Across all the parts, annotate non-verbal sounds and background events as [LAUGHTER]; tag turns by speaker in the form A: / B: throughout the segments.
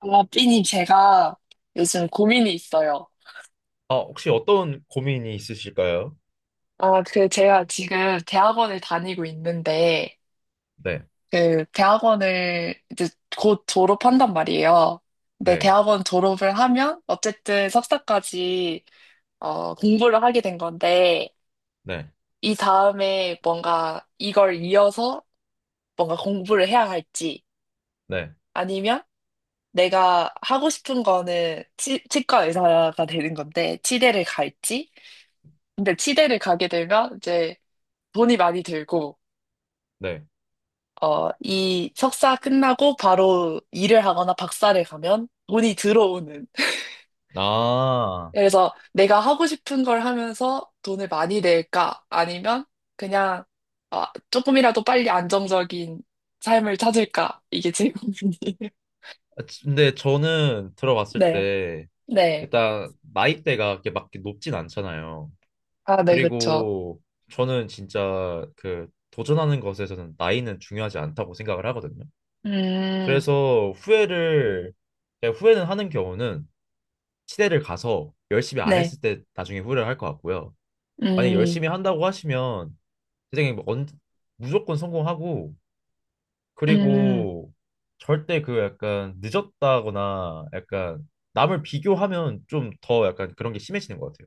A: 아, 삐님, 제가 요즘 고민이 있어요.
B: 아, 혹시 어떤 고민이 있으실까요?
A: 아, 그, 제가 지금 대학원을 다니고 있는데,
B: 네,
A: 그, 대학원을 이제 곧 졸업한단 말이에요. 근데
B: 네,
A: 대학원 졸업을 하면, 어쨌든 석사까지, 공부를 하게 된 건데,
B: 네,
A: 이 다음에 뭔가 이걸 이어서 뭔가 공부를 해야 할지,
B: 네,
A: 아니면 내가 하고 싶은 거는 치과 의사가 되는 건데, 치대를 갈지, 근데 치대를 가게 되면 이제 돈이 많이 들고,
B: 네.
A: 이 석사 끝나고 바로 일을 하거나 박사를 가면 돈이 들어오는.
B: 아,
A: 그래서 내가 하고 싶은 걸 하면서 돈을 많이 낼까? 아니면 그냥 어, 조금이라도 빨리 안정적인 삶을 찾을까? 이게 제 고민이에요. [LAUGHS]
B: 근데 저는 들어봤을
A: 네,
B: 때
A: 네.
B: 일단 나이대가 이렇게 막렇게 높진 않잖아요.
A: 아, 네, 그쵸.
B: 그리고 저는 진짜 그 도전하는 것에서는 나이는 중요하지 않다고 생각을 하거든요.
A: 음,
B: 그래서 후회를 그냥 후회는 하는 경우는 시대를 가서 열심히 안
A: 네,
B: 했을 때 나중에 후회를 할 것 같고요. 만약
A: 음,
B: 열심히 한다고 하시면 선생님 뭐 무조건 성공하고
A: 음.
B: 그리고 절대 그 약간 늦었다거나 약간 남을 비교하면 좀 더 약간 그런 게 심해지는 것 같아요.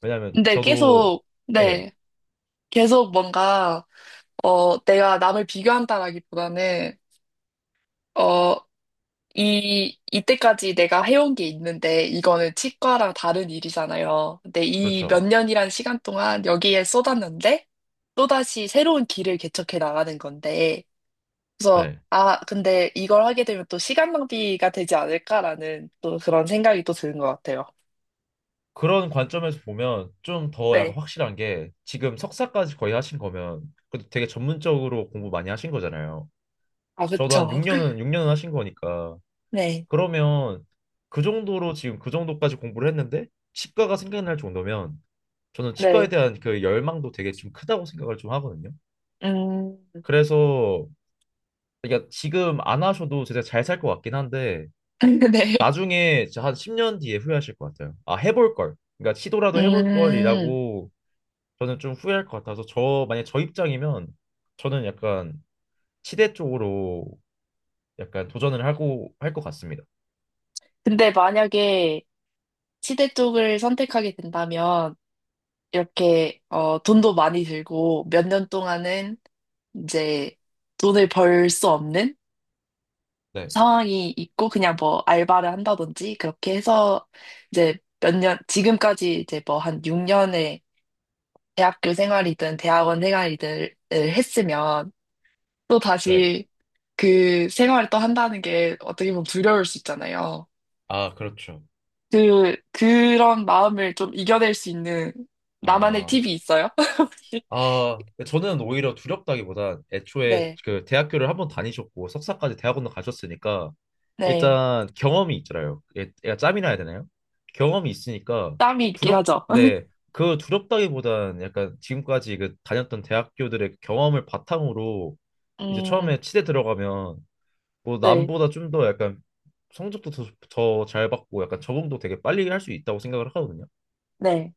B: 왜냐하면
A: 근데
B: 저도
A: 계속,
B: 예
A: 네, 계속 뭔가, 내가 남을 비교한다라기보다는, 어, 이때까지 내가 해온 게 있는데, 이거는 치과랑 다른 일이잖아요. 근데 이 몇
B: 그렇죠.
A: 년이란 시간 동안 여기에 쏟았는데, 또다시 새로운 길을 개척해 나가는 건데, 그래서,
B: 네,
A: 아, 근데 이걸 하게 되면 또 시간 낭비가 되지 않을까라는 또 그런 생각이 또 드는 것 같아요.
B: 그런 관점에서 보면 좀 더 약간
A: 네.
B: 확실한 게 지금 석사까지 거의 하신 거면 그래도 되게 전문적으로 공부 많이 하신 거잖아요.
A: 아,
B: 저도 한
A: 그쵸.
B: 6년은
A: [LAUGHS]
B: 하신 거니까
A: 네.
B: 그러면 그 정도로 지금 그 정도까지 공부를 했는데 치과가 생각날 정도면 저는 치과에
A: 네.
B: 대한 그 열망도 되게 좀 크다고 생각을 하거든요.
A: 음,
B: 그래서 그러니까 지금 안 하셔도 제가 잘 살 것 같긴 한데
A: [LAUGHS] 네.
B: 나중에 진짜 한 10년 뒤에 후회하실 것 같아요. 아, 해볼 걸. 그러니까 시도라도 해볼
A: 음,
B: 걸이라고 저는 좀 후회할 것 같아서 만약 저 입장이면 저는 약간 치대 쪽으로 약간 도전을 하고 할 것 같습니다.
A: 근데 만약에 치대 쪽을 선택하게 된다면, 이렇게 돈도 많이 들고 몇 년 동안은 이제 돈을 벌 수 없는
B: 네.
A: 상황이 있고 그냥 뭐 알바를 한다든지 그렇게 해서 이제 몇 년, 지금까지 이제 뭐 한 6년의 대학교 생활이든 대학원 생활이든 을 했으면 또
B: 네.
A: 다시 그 생활을 또 한다는 게 어떻게 보면 두려울 수 있잖아요.
B: 아, 그렇죠.
A: 그런 마음을 좀 이겨낼 수 있는 나만의
B: 아.
A: 팁이 있어요? [LAUGHS]
B: 아, 그 저는 오히려 두렵다기보단 애초에
A: 네,
B: 그 대학교를 한번 다니셨고 석사까지 대학원도 가셨으니까
A: 네.
B: 일단 경험이 있잖아요. 얘가 짬이나 해야 되나요? 경험이 있으니까
A: 땀이 있긴 하죠.
B: 네,
A: [LAUGHS]
B: 그 두렵다기보단 약간 지금까지 그 다녔던 대학교들의 경험을 바탕으로 이제
A: 음,
B: 처음에 치대 들어가면 뭐
A: 네,
B: 남보다 좀 더 약간 성적도 더 잘 받고 약간 적응도 되게 빨리 할 수 있다고 생각을 하거든요.
A: 네,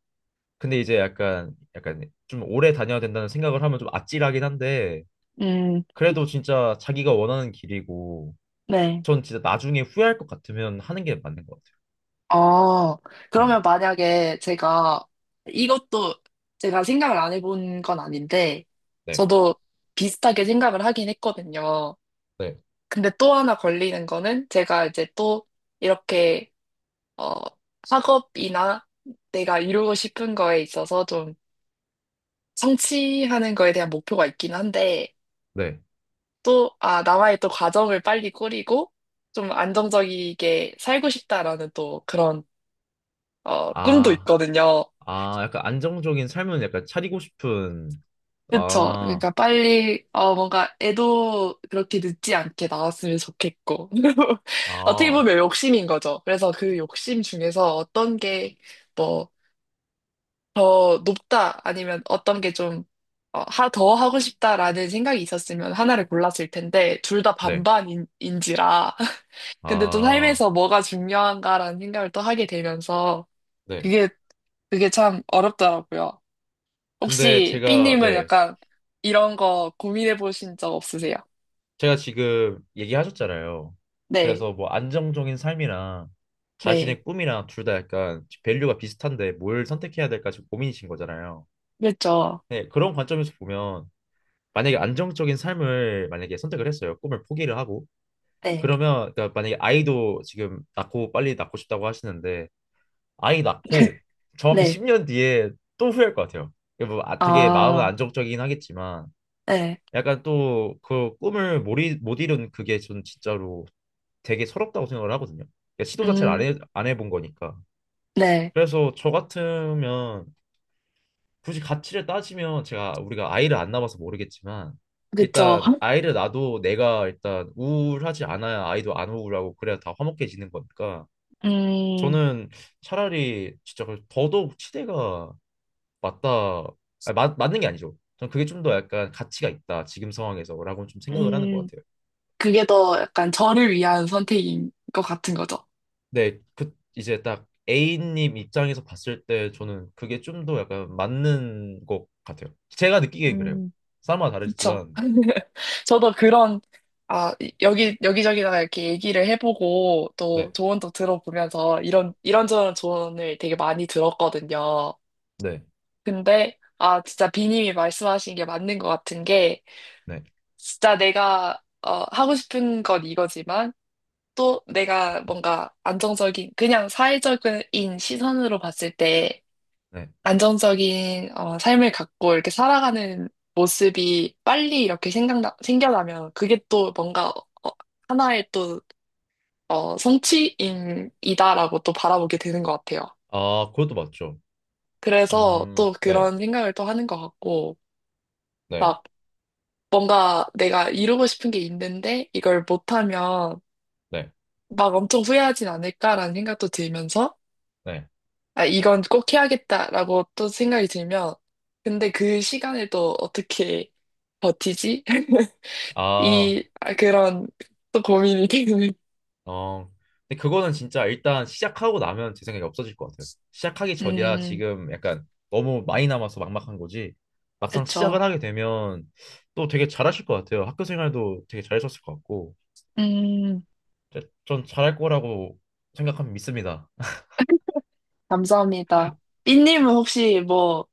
B: 근데 이제 약간 좀 오래 다녀야 된다는 생각을 하면 좀 아찔하긴 한데
A: 음,
B: 그래도 진짜 자기가 원하는 길이고
A: 네.
B: 전 진짜 나중에 후회할 것 같으면 하는 게 맞는 것 같아요.
A: 어, 그러면
B: 예.
A: 만약에 제가 이것도 제가 생각을 안 해본 건 아닌데,
B: 네.
A: 저도 비슷하게 생각을 하긴 했거든요.
B: 네.
A: 근데 또 하나 걸리는 거는 제가 이제 또 이렇게, 어, 학업이나 내가 이루고 싶은 거에 있어서 좀 성취하는 거에 대한 목표가 있긴 한데,
B: 네.
A: 또, 나와의 또 과정을 빨리 꾸리고 좀 안정적이게 살고 싶다라는 또 그런, 꿈도
B: 아,
A: 있거든요.
B: 아, 약간 안정적인 삶은 약간 차리고 싶은.
A: 그쵸.
B: 아,
A: 그러니까 빨리, 뭔가 애도 그렇게 늦지 않게 나왔으면 좋겠고. [LAUGHS] 어떻게
B: 아,
A: 보면 욕심인 거죠. 그래서 그 욕심 중에서 어떤 게 뭐, 더 높다 아니면 어떤 게 좀, 더 하고 싶다라는 생각이 있었으면 하나를 골랐을 텐데, 둘 다
B: 네.
A: 반반인지라. 근데 또
B: 아,
A: 삶에서 뭐가 중요한가라는 생각을 또 하게 되면서
B: 네.
A: 그게 그게 참 어렵더라고요.
B: 근데
A: 혹시
B: 제가
A: 삐님은
B: 네.
A: 약간 이런 거 고민해 보신 적 없으세요?
B: 제가 지금 얘기하셨잖아요.
A: 네,
B: 그래서 뭐 안정적인 삶이랑
A: 네,
B: 자신의 꿈이랑 둘 다 약간 밸류가 비슷한데 뭘 선택해야 될까 지금 고민이신 거잖아요.
A: 그렇죠.
B: 네, 그런 관점에서 보면 만약에 안정적인 삶을 만약에 선택을 했어요. 꿈을 포기를 하고.
A: 네,
B: 그러면 그러니까 만약에 아이도 지금 낳고 빨리 낳고 싶다고 하시는데 아이
A: [LAUGHS]
B: 낳고 정확히
A: 네,
B: 10년 뒤에 또 후회할 것 같아요. 이게 뭐 아, 되게 마음은
A: 아,
B: 안정적이긴 하겠지만
A: 네.
B: 약간 또 그 꿈을 못 이룬 그게 전 진짜로 되게 서럽다고 생각을 하거든요. 그러니까 시도 자체를
A: 음,
B: 안 해본 거니까.
A: 네.
B: 그래서 저 같으면 굳이 가치를 따지면 제가 우리가 아이를 안 낳아서 모르겠지만
A: 그렇죠.
B: 일단 아이를 낳아도 내가 일단 우울하지 않아야 아이도 안 우울하고 그래야 다 화목해지는 거니까
A: 음,
B: 저는 차라리 진짜 그 더더욱 치대가 맞다 아니, 맞, 맞는 게 아니죠. 전 그게 좀 더 약간 가치가 있다 지금 상황에서라고 좀 생각을 하는 것
A: 음,
B: 같아요.
A: 그게 더 약간 저를 위한 선택인 것 같은 거죠.
B: 네, 그 이제 딱 A님 입장에서 봤을 때 저는 그게 좀 더 약간 맞는 것 같아요. 제가 느끼기엔 그래요.
A: 음.
B: 사람마다
A: 그쵸.
B: 다르지만
A: [LAUGHS] 저도 그런, 아, 여기저기다가 이렇게 얘기를 해보고
B: 네,
A: 또 조언도 들어보면서 이런저런 조언을 되게 많이 들었거든요.
B: 네,
A: 근데, 진짜 비님이 말씀하신 게 맞는 것 같은 게,
B: 네,
A: 진짜 내가, 하고 싶은 건 이거지만, 또 내가 뭔가 안정적인, 그냥 사회적인 시선으로 봤을 때,
B: 네.
A: 안정적인 삶을 갖고 이렇게 살아가는 모습이 빨리 이렇게 생겨나면 그게 또 뭔가 하나의 또 성취인이다라고 또 바라보게 되는 것 같아요.
B: 아, 그것도 맞죠.
A: 그래서 또
B: 네,
A: 그런 생각을 또 하는 것 같고
B: 네,
A: 막 뭔가 내가 이루고 싶은 게 있는데 이걸 못하면
B: 네,
A: 막 엄청 후회하진 않을까라는 생각도 들면서
B: 네.
A: 이건 꼭 해야겠다라고 또 생각이 들면 근데 그 시간을 또 어떻게 버티지? [LAUGHS]
B: 아,
A: 그런, 또 고민이 되는.
B: 어, 근데 그거는 진짜 일단 시작하고 나면 제 생각에 없어질 것 같아요. 시작하기 전이라
A: 음,
B: 지금 약간 너무 많이 남아서 막막한 거지. 막상
A: 그쵸.
B: 시작을 하게 되면 또 되게 잘하실 것 같아요. 학교 생활도 되게 잘하셨을 것 같고.
A: 음,
B: 전 잘할 거라고 생각하면 믿습니다.
A: 감사합니다. 삐님은 혹시 뭐,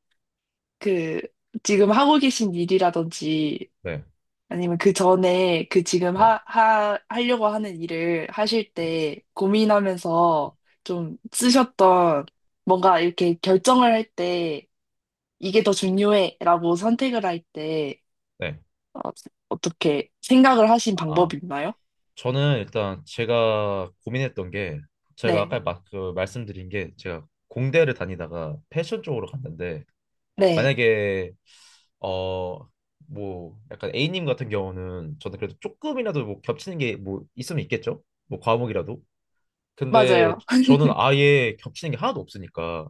A: 그, 지금 하고 계신 일이라든지,
B: 네,
A: 아니면 그 전에 그 지금
B: 네,
A: 하려고 하는 일을 하실
B: 네.
A: 때 고민하면서 좀 쓰셨던 뭔가 이렇게 결정을 할 때, 이게 더 중요해 라고 선택을 할 때,
B: 네.
A: 어, 어떻게 생각을 하신
B: 아, 아.
A: 방법이 있나요?
B: 저는 일단 제가 고민했던 게 제가
A: 네,
B: 아까 그 말씀드린 게 제가 공대를 다니다가 패션 쪽으로 갔는데
A: 네,
B: 만약에 어 뭐 약간 A님 같은 경우는 저는 그래도 조금이라도 뭐 겹치는 게 뭐 있으면 있겠죠? 뭐 과목이라도. 근데
A: 맞아요.
B: 저는 아예 겹치는 게 하나도 없으니까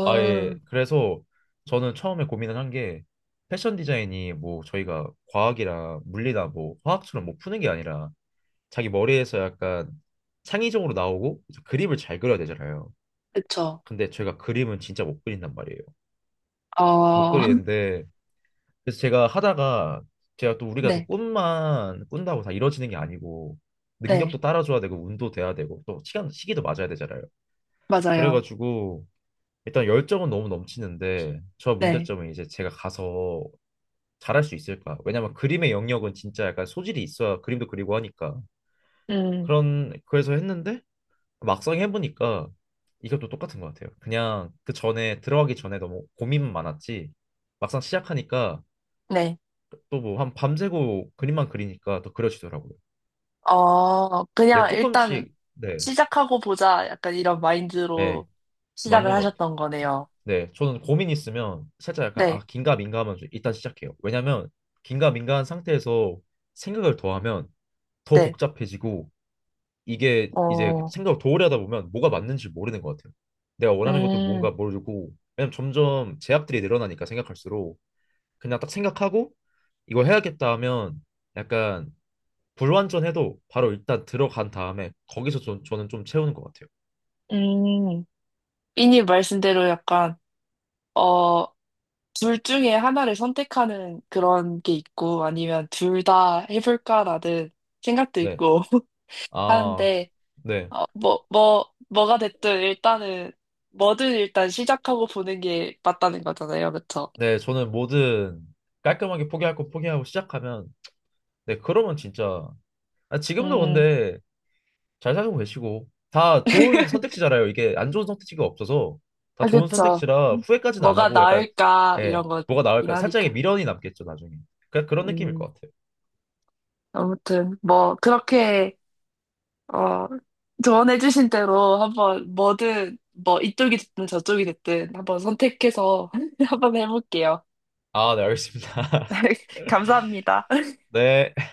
B: 아예 그래서 저는 처음에 고민을 한 게 패션 디자인이 뭐 저희가 과학이나 물리나 뭐 화학처럼 뭐 푸는 게 아니라 자기 머리에서 약간 창의적으로 나오고 이제 그림을 잘 그려야 되잖아요.
A: 그쵸.
B: 근데 제가 그림은 진짜 못 그린단 말이에요. 못
A: 어, [LAUGHS]
B: 그리는데 그래서 제가 하다가 제가 또 우리가 또
A: 네,
B: 꿈만 꾼다고 다 이루어지는 게 아니고 능력도
A: 네,
B: 따라줘야 되고 운도 돼야 되고 또 시간 시기도 맞아야 되잖아요.
A: 맞아요.
B: 그래가지고 일단 열정은 너무 넘치는데 저
A: 네,
B: 문제점은 이제 제가 가서 잘할 수 있을까? 왜냐면 그림의 영역은 진짜 약간 소질이 있어야 그림도 그리고 하니까
A: 음,
B: 그런 그래서 했는데 막상 해보니까 이것도 똑같은 것 같아요. 그냥 그 전에 들어가기 전에 너무 고민만 많았지 막상 시작하니까
A: 네.
B: 또 뭐 한 밤새고 그림만 그리니까 더 그려지더라고요. 예,
A: 그냥 일단
B: 조금씩 네,
A: 시작하고 보자. 약간 이런
B: 예,
A: 마인드로 시작을
B: 맞는 것 같아요.
A: 하셨던 거네요.
B: 네, 저는 고민 있으면 살짝 약간 아
A: 네,
B: 긴가 민가하면 좀 일단 시작해요. 왜냐면 긴가 민가한 상태에서 생각을 더하면 더
A: 네.
B: 복잡해지고 이게 이제
A: 어,
B: 생각을 도래하다 보면 뭐가 맞는지 모르는 것 같아요. 내가 원하는 것도
A: 음,
B: 뭔가 모르고 왜냐면 점점 제약들이 늘어나니까 생각할수록 그냥 딱 생각하고 이거 해야겠다 하면 약간 불완전해도 바로 일단 들어간 다음에 거기서 저는 좀 채우는 것 같아요.
A: 음. 삐님 말씀대로 약간, 어, 둘 중에 하나를 선택하는 그런 게 있고, 아니면 둘 다 해볼까라는 생각도
B: 네,
A: 있고 [LAUGHS]
B: 아,
A: 하는데,
B: 네.
A: 뭐가 됐든 일단은, 뭐든 일단 시작하고 보는 게 맞다는 거잖아요. 그쵸?
B: 네, 저는 뭐든 깔끔하게 포기할 거 포기하고 시작하면, 네, 그러면 진짜, 아, 지금도
A: 음,
B: 근데 잘 살고 계시고, 다 좋은 선택지잖아요. 이게 안 좋은 선택지가 없어서, 다
A: 아,
B: 좋은
A: 그쵸.
B: 선택지라 후회까지는 안
A: 뭐가
B: 하고, 약간,
A: 나을까,
B: 예,
A: 이런 거긴
B: 뭐가 나올까, 살짝의
A: 하니까.
B: 미련이 남겠죠, 나중에. 그냥 그런 느낌일
A: 음,
B: 것 같아요.
A: 아무튼, 뭐, 그렇게, 어, 조언해주신 대로 한번 뭐든, 뭐, 이쪽이 됐든 저쪽이 됐든 한번 선택해서 [LAUGHS] 한번 해볼게요.
B: 아, 네, 알겠습니다. [LAUGHS]
A: [LAUGHS] 감사합니다.
B: 네.